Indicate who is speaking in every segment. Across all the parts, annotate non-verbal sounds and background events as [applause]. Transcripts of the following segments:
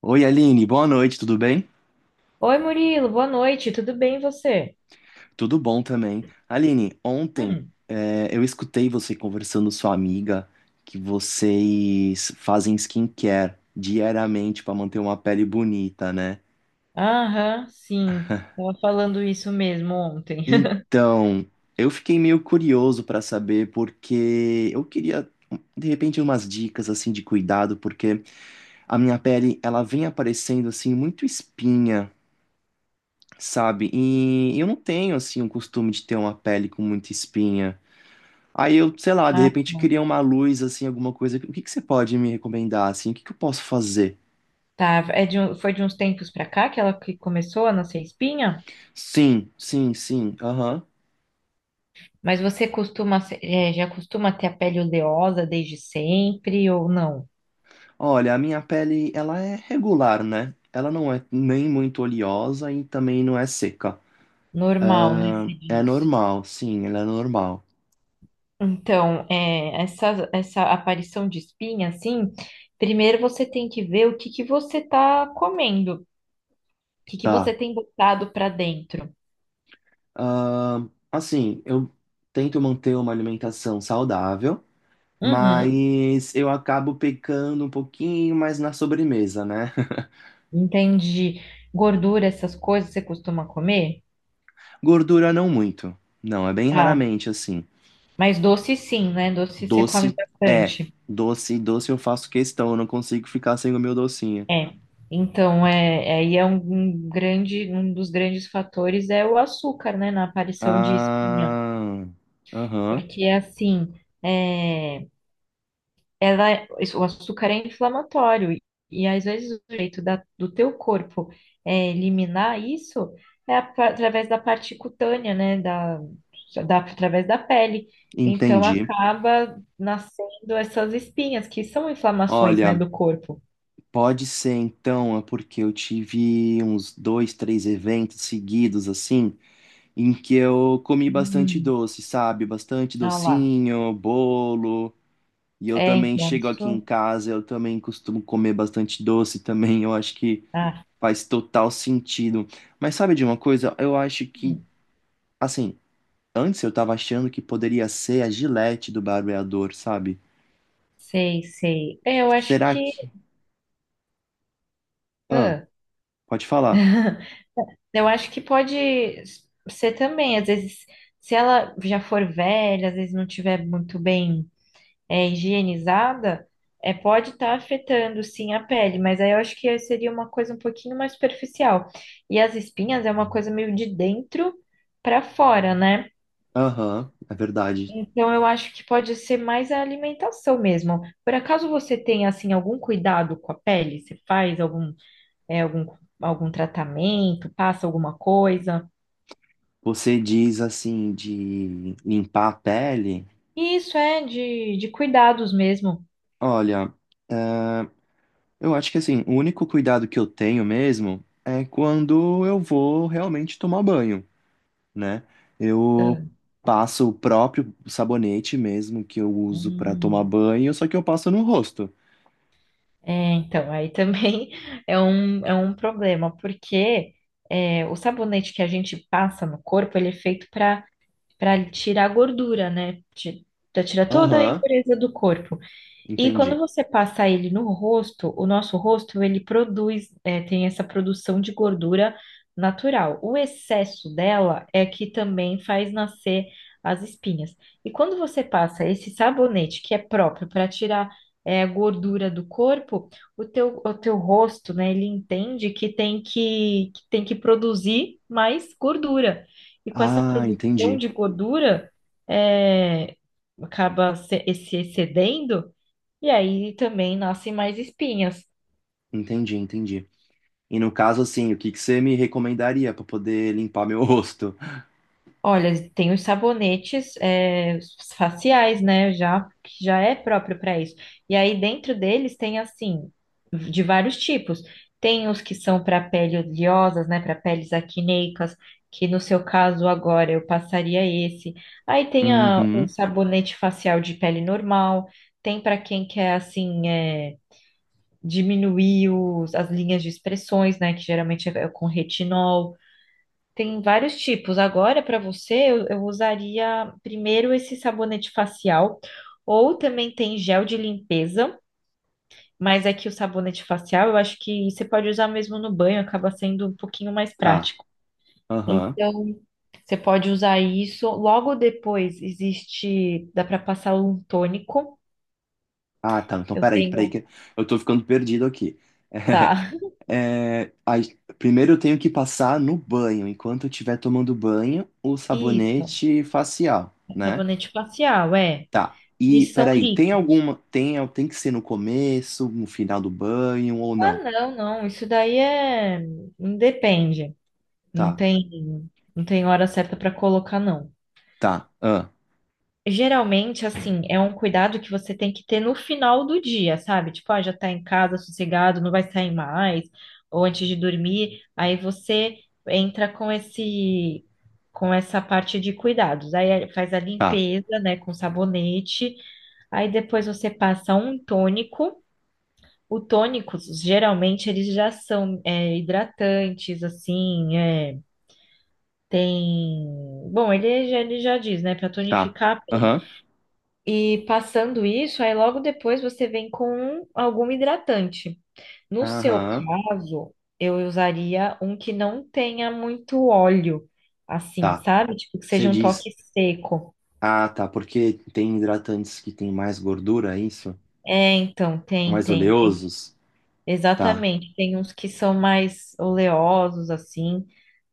Speaker 1: Oi, Aline, boa noite, tudo bem?
Speaker 2: Oi, Murilo, boa noite, tudo bem e você?
Speaker 1: Tudo bom também. Aline, ontem
Speaker 2: Hum,
Speaker 1: eu escutei você conversando com sua amiga que vocês fazem skincare diariamente para manter uma pele bonita, né?
Speaker 2: aham, sim, tava falando isso mesmo ontem. [laughs]
Speaker 1: Então, eu fiquei meio curioso para saber porque eu queria de repente umas dicas assim de cuidado, porque a minha pele ela vem aparecendo assim muito espinha, sabe? E eu não tenho assim o costume de ter uma pele com muita espinha. Aí eu, sei lá, de
Speaker 2: Ah,
Speaker 1: repente
Speaker 2: tá,
Speaker 1: queria uma luz, assim, alguma coisa. O que que você pode me recomendar, assim? O que que eu posso fazer?
Speaker 2: tá, foi de uns tempos pra cá que ela que começou a nascer espinha?
Speaker 1: Sim, sim, sim, aham.
Speaker 2: Mas você costuma, já costuma ter a pele oleosa desde sempre ou não?
Speaker 1: Olha, a minha pele, ela é regular, né? Ela não é nem muito oleosa e também não é seca.
Speaker 2: Normal, né,
Speaker 1: Ah,
Speaker 2: se
Speaker 1: é
Speaker 2: diz.
Speaker 1: normal, sim, ela é normal.
Speaker 2: Então, essa aparição de espinha, assim, primeiro você tem que ver o que você tá comendo, o que você
Speaker 1: Tá.
Speaker 2: tem botado pra dentro.
Speaker 1: Ah, assim, eu tento manter uma alimentação saudável,
Speaker 2: Uhum.
Speaker 1: mas eu acabo pecando um pouquinho mais na sobremesa, né?
Speaker 2: Entendi. Gordura, essas coisas você costuma comer?
Speaker 1: Gordura não muito. Não, é bem
Speaker 2: Tá.
Speaker 1: raramente assim.
Speaker 2: Mas doce sim, né? Doce você come
Speaker 1: Doce é.
Speaker 2: bastante.
Speaker 1: Doce, doce eu faço questão, eu não consigo ficar sem o meu docinho.
Speaker 2: É. Então, aí é um grande, um dos grandes fatores é o açúcar, né? Na aparição de espinha.
Speaker 1: Ah, aham,
Speaker 2: Porque assim, é, o açúcar é inflamatório e às vezes o jeito do teu corpo eliminar isso é através da parte cutânea, né, através da pele. Então
Speaker 1: entendi.
Speaker 2: acaba nascendo essas espinhas que são inflamações, né,
Speaker 1: Olha,
Speaker 2: do corpo.
Speaker 1: pode ser então, é porque eu tive uns dois, três eventos seguidos assim, em que eu comi bastante
Speaker 2: Uhum.
Speaker 1: doce, sabe? Bastante
Speaker 2: Ah lá.
Speaker 1: docinho, bolo. E eu
Speaker 2: É,
Speaker 1: também
Speaker 2: então
Speaker 1: chego aqui em
Speaker 2: isso.
Speaker 1: casa, eu também costumo comer bastante doce também. Eu acho que
Speaker 2: Ah,
Speaker 1: faz total sentido. Mas sabe de uma coisa? Eu acho que, assim, antes eu tava achando que poderia ser a Gillette do barbeador, sabe?
Speaker 2: sei, sei. É, eu acho
Speaker 1: Será
Speaker 2: que.
Speaker 1: que. Ah, pode falar.
Speaker 2: Ah. Eu acho que pode ser também, às vezes, se ela já for velha, às vezes não tiver muito bem higienizada, é, pode estar afetando sim a pele, mas aí eu acho que seria uma coisa um pouquinho mais superficial. E as espinhas é uma coisa meio de dentro para fora, né?
Speaker 1: Aham, é verdade.
Speaker 2: Então eu acho que pode ser mais a alimentação mesmo. Por acaso você tem assim algum cuidado com a pele? Você faz algum, é, algum, algum tratamento, passa alguma coisa?
Speaker 1: Você diz assim de limpar a pele?
Speaker 2: E isso é de cuidados mesmo.
Speaker 1: Olha, é, eu acho que assim, o único cuidado que eu tenho mesmo é quando eu vou realmente tomar banho. Né?
Speaker 2: Ah,
Speaker 1: Eu passo o próprio sabonete mesmo que eu uso pra tomar
Speaker 2: hum.
Speaker 1: banho, só que eu passo no rosto.
Speaker 2: É, então, aí também [laughs] é um problema, porque é, o sabonete que a gente passa no corpo, ele é feito para tirar a gordura, né? Para tirar toda a
Speaker 1: Aham,
Speaker 2: impureza do corpo. E quando
Speaker 1: entendi.
Speaker 2: você passa ele no rosto, o nosso rosto ele produz, é, tem essa produção de gordura natural. O excesso dela é que também faz nascer as espinhas. E quando você passa esse sabonete que é próprio para tirar é, a gordura do corpo, o teu rosto, né, ele entende que tem que produzir mais gordura. E com essa
Speaker 1: Ah,
Speaker 2: produção
Speaker 1: entendi.
Speaker 2: de gordura, é, acaba se excedendo e aí também nascem mais espinhas.
Speaker 1: Entendi, entendi. E no caso, assim, o que que você me recomendaria pra poder limpar meu [laughs] rosto?
Speaker 2: Olha, tem os sabonetes é, os faciais, né? Já que já é próprio para isso. E aí dentro deles tem assim de vários tipos. Tem os que são para pele oleosas, né? Para peles acneicas, que no seu caso agora eu passaria esse. Aí tem o
Speaker 1: Uhum,
Speaker 2: sabonete facial de pele normal. Tem para quem quer assim é, diminuir as linhas de expressões, né? Que geralmente é com retinol. Tem vários tipos. Agora, para você, eu usaria primeiro esse sabonete facial, ou também tem gel de limpeza, mas aqui o sabonete facial eu acho que você pode usar mesmo no banho, acaba sendo um pouquinho mais
Speaker 1: tá.
Speaker 2: prático.
Speaker 1: Aham.
Speaker 2: Então, você pode usar isso. Logo depois existe, dá para passar um tônico.
Speaker 1: Ah, tá. Então,
Speaker 2: Eu
Speaker 1: peraí, peraí
Speaker 2: tenho,
Speaker 1: que eu tô ficando perdido aqui. [laughs]
Speaker 2: tá. [laughs]
Speaker 1: É, aí, primeiro eu tenho que passar no banho, enquanto eu estiver tomando banho, o
Speaker 2: Isso,
Speaker 1: sabonete facial, né?
Speaker 2: sabonete facial, é.
Speaker 1: Tá. E
Speaker 2: Eles são
Speaker 1: peraí, tem
Speaker 2: líquidos.
Speaker 1: alguma. Tem, tem que ser no começo, no final do banho ou
Speaker 2: Ah,
Speaker 1: não?
Speaker 2: não, não, isso daí é. Hum, depende. Não
Speaker 1: Tá,
Speaker 2: tem, não tem hora certa para colocar, não.
Speaker 1: tá, ah,
Speaker 2: Geralmente, assim, é um cuidado que você tem que ter no final do dia, sabe? Tipo, ah, já tá em casa, sossegado, não vai sair mais, ou antes de dormir, aí você entra com esse, com essa parte de cuidados. Aí é, faz a
Speaker 1: tá,
Speaker 2: limpeza, né, com sabonete, aí depois você passa um tônico. O tônico, geralmente, eles já são, é, hidratantes, assim, é, tem. Bom, ele já diz, né? Pra
Speaker 1: tá.
Speaker 2: tonificar a pele.
Speaker 1: Aham,
Speaker 2: E passando isso, aí logo depois você vem com algum hidratante. No seu
Speaker 1: aham,
Speaker 2: caso, eu usaria um que não tenha muito óleo, assim,
Speaker 1: tá.
Speaker 2: sabe? Tipo, que
Speaker 1: Você
Speaker 2: seja um toque
Speaker 1: diz.
Speaker 2: seco.
Speaker 1: Ah, tá, porque tem hidratantes que tem mais gordura, é isso?
Speaker 2: É, então, tem,
Speaker 1: Mais
Speaker 2: tem.
Speaker 1: oleosos? Tá.
Speaker 2: Exatamente, tem uns que são mais oleosos, assim.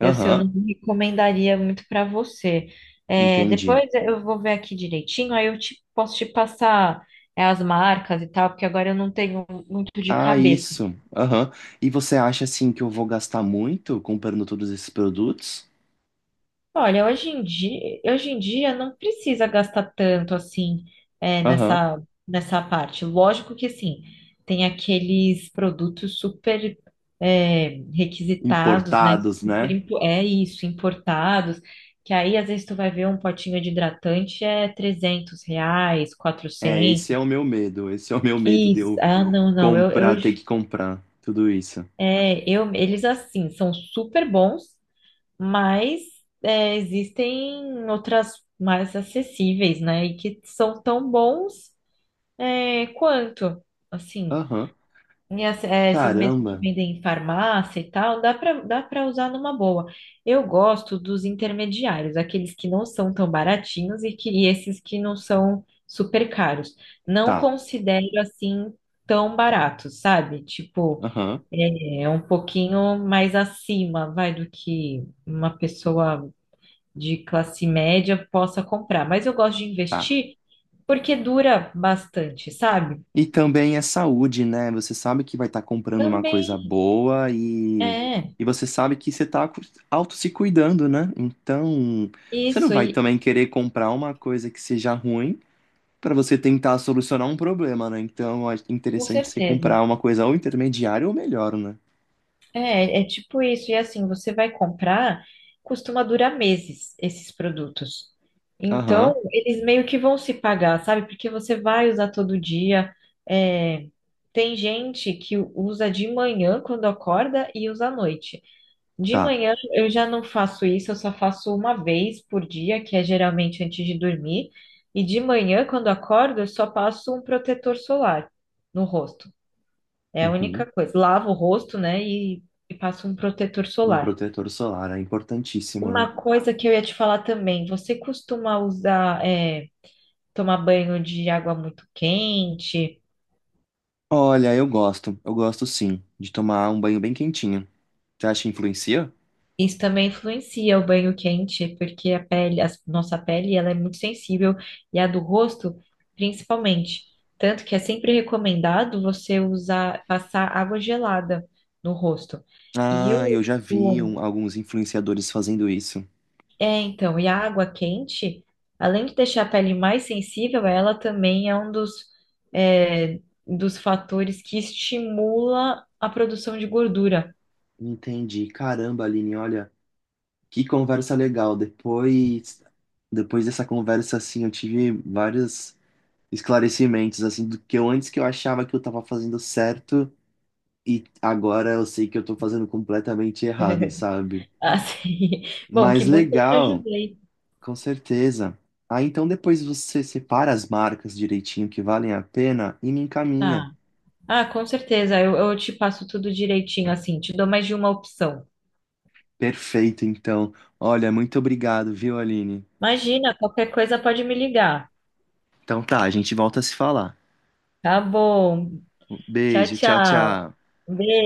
Speaker 2: Esse eu não
Speaker 1: Aham,
Speaker 2: recomendaria muito para você. É,
Speaker 1: entendi.
Speaker 2: depois eu vou ver aqui direitinho, aí posso te passar é, as marcas e tal, porque agora eu não tenho muito de
Speaker 1: Ah,
Speaker 2: cabeça.
Speaker 1: isso. Aham. E você acha assim que eu vou gastar muito comprando todos esses produtos?
Speaker 2: Olha, hoje em dia não precisa gastar tanto assim é,
Speaker 1: Aham.
Speaker 2: nessa, nessa parte. Lógico que sim, tem aqueles produtos super é, requisitados, né?
Speaker 1: Importados,
Speaker 2: Super,
Speaker 1: né?
Speaker 2: é isso, importados, que aí às vezes tu vai ver um potinho de hidratante é R$ 300,
Speaker 1: É, esse é o
Speaker 2: 400.
Speaker 1: meu medo. Esse é o meu medo de
Speaker 2: Isso,
Speaker 1: eu
Speaker 2: ah, não, não,
Speaker 1: comprar,
Speaker 2: eu,
Speaker 1: ter que comprar. Tudo isso.
Speaker 2: eu, eles assim, são super bons, mas é, existem outras mais acessíveis, né? E que são tão bons é, quanto, assim,
Speaker 1: Aham.
Speaker 2: e esses mesmos que
Speaker 1: Caramba.
Speaker 2: vendem em farmácia e tal, dá para usar numa boa. Eu gosto dos intermediários, aqueles que não são tão baratinhos e esses que não são super caros. Não
Speaker 1: Tá.
Speaker 2: considero assim tão baratos, sabe? Tipo,
Speaker 1: Aham.
Speaker 2: é um pouquinho mais acima, vai, do que uma pessoa de classe média possa comprar. Mas eu gosto de
Speaker 1: Tá.
Speaker 2: investir porque dura bastante, sabe?
Speaker 1: E também é saúde, né? Você sabe que vai estar comprando uma coisa
Speaker 2: Também
Speaker 1: boa
Speaker 2: é
Speaker 1: e você sabe que você tá auto se cuidando, né? Então, você não
Speaker 2: isso,
Speaker 1: vai
Speaker 2: e
Speaker 1: também querer comprar uma coisa que seja ruim para você tentar solucionar um problema, né? Então, é
Speaker 2: com
Speaker 1: interessante você
Speaker 2: certeza.
Speaker 1: comprar uma coisa ou intermediária ou melhor, né?
Speaker 2: É, é tipo isso. E assim, você vai comprar, costuma durar meses esses produtos.
Speaker 1: Aham.
Speaker 2: Então, eles meio que vão se pagar, sabe? Porque você vai usar todo dia. É, tem gente que usa de manhã quando acorda e usa à noite. De
Speaker 1: Tá.
Speaker 2: manhã eu já não faço isso, eu só faço uma vez por dia, que é geralmente antes de dormir. E de manhã, quando acordo, eu só passo um protetor solar no rosto. É a única
Speaker 1: Uhum.
Speaker 2: coisa. Lavo o rosto, né, e passo um protetor
Speaker 1: Um
Speaker 2: solar.
Speaker 1: protetor solar é importantíssimo, né?
Speaker 2: Uma coisa que eu ia te falar também, você costuma usar, é, tomar banho de água muito quente?
Speaker 1: Olha, eu gosto sim, de tomar um banho bem quentinho. Você acha que influencia?
Speaker 2: Isso também influencia o banho quente, porque a pele, ela é muito sensível e a do rosto, principalmente. Tanto que é sempre recomendado você usar, passar água gelada no rosto. E o,
Speaker 1: Ah, eu já vi
Speaker 2: o-
Speaker 1: alguns influenciadores fazendo isso.
Speaker 2: e a água quente, além de deixar a pele mais sensível, ela também é um dos, é, dos fatores que estimula a produção de gordura.
Speaker 1: Entendi. Caramba, Aline, olha, que conversa legal. Depois, depois dessa conversa, assim, eu tive vários esclarecimentos, assim, do que eu antes que eu achava que eu tava fazendo certo e agora eu sei que eu tô fazendo completamente errado,
Speaker 2: [laughs]
Speaker 1: sabe?
Speaker 2: Assim,
Speaker 1: Mas
Speaker 2: bom que eu te
Speaker 1: legal.
Speaker 2: ajudei.
Speaker 1: Com certeza. Ah, então depois você separa as marcas direitinho que valem a pena e me encaminha.
Speaker 2: Tá. Ah, com certeza. Eu te passo tudo direitinho, assim, te dou mais de uma opção.
Speaker 1: Perfeito, então. Olha, muito obrigado, viu, Aline?
Speaker 2: Imagina, qualquer coisa pode me ligar.
Speaker 1: Então tá, a gente volta a se falar.
Speaker 2: Tá bom.
Speaker 1: Um
Speaker 2: Tchau,
Speaker 1: beijo, tchau,
Speaker 2: tchau.
Speaker 1: tchau.
Speaker 2: Um beijo.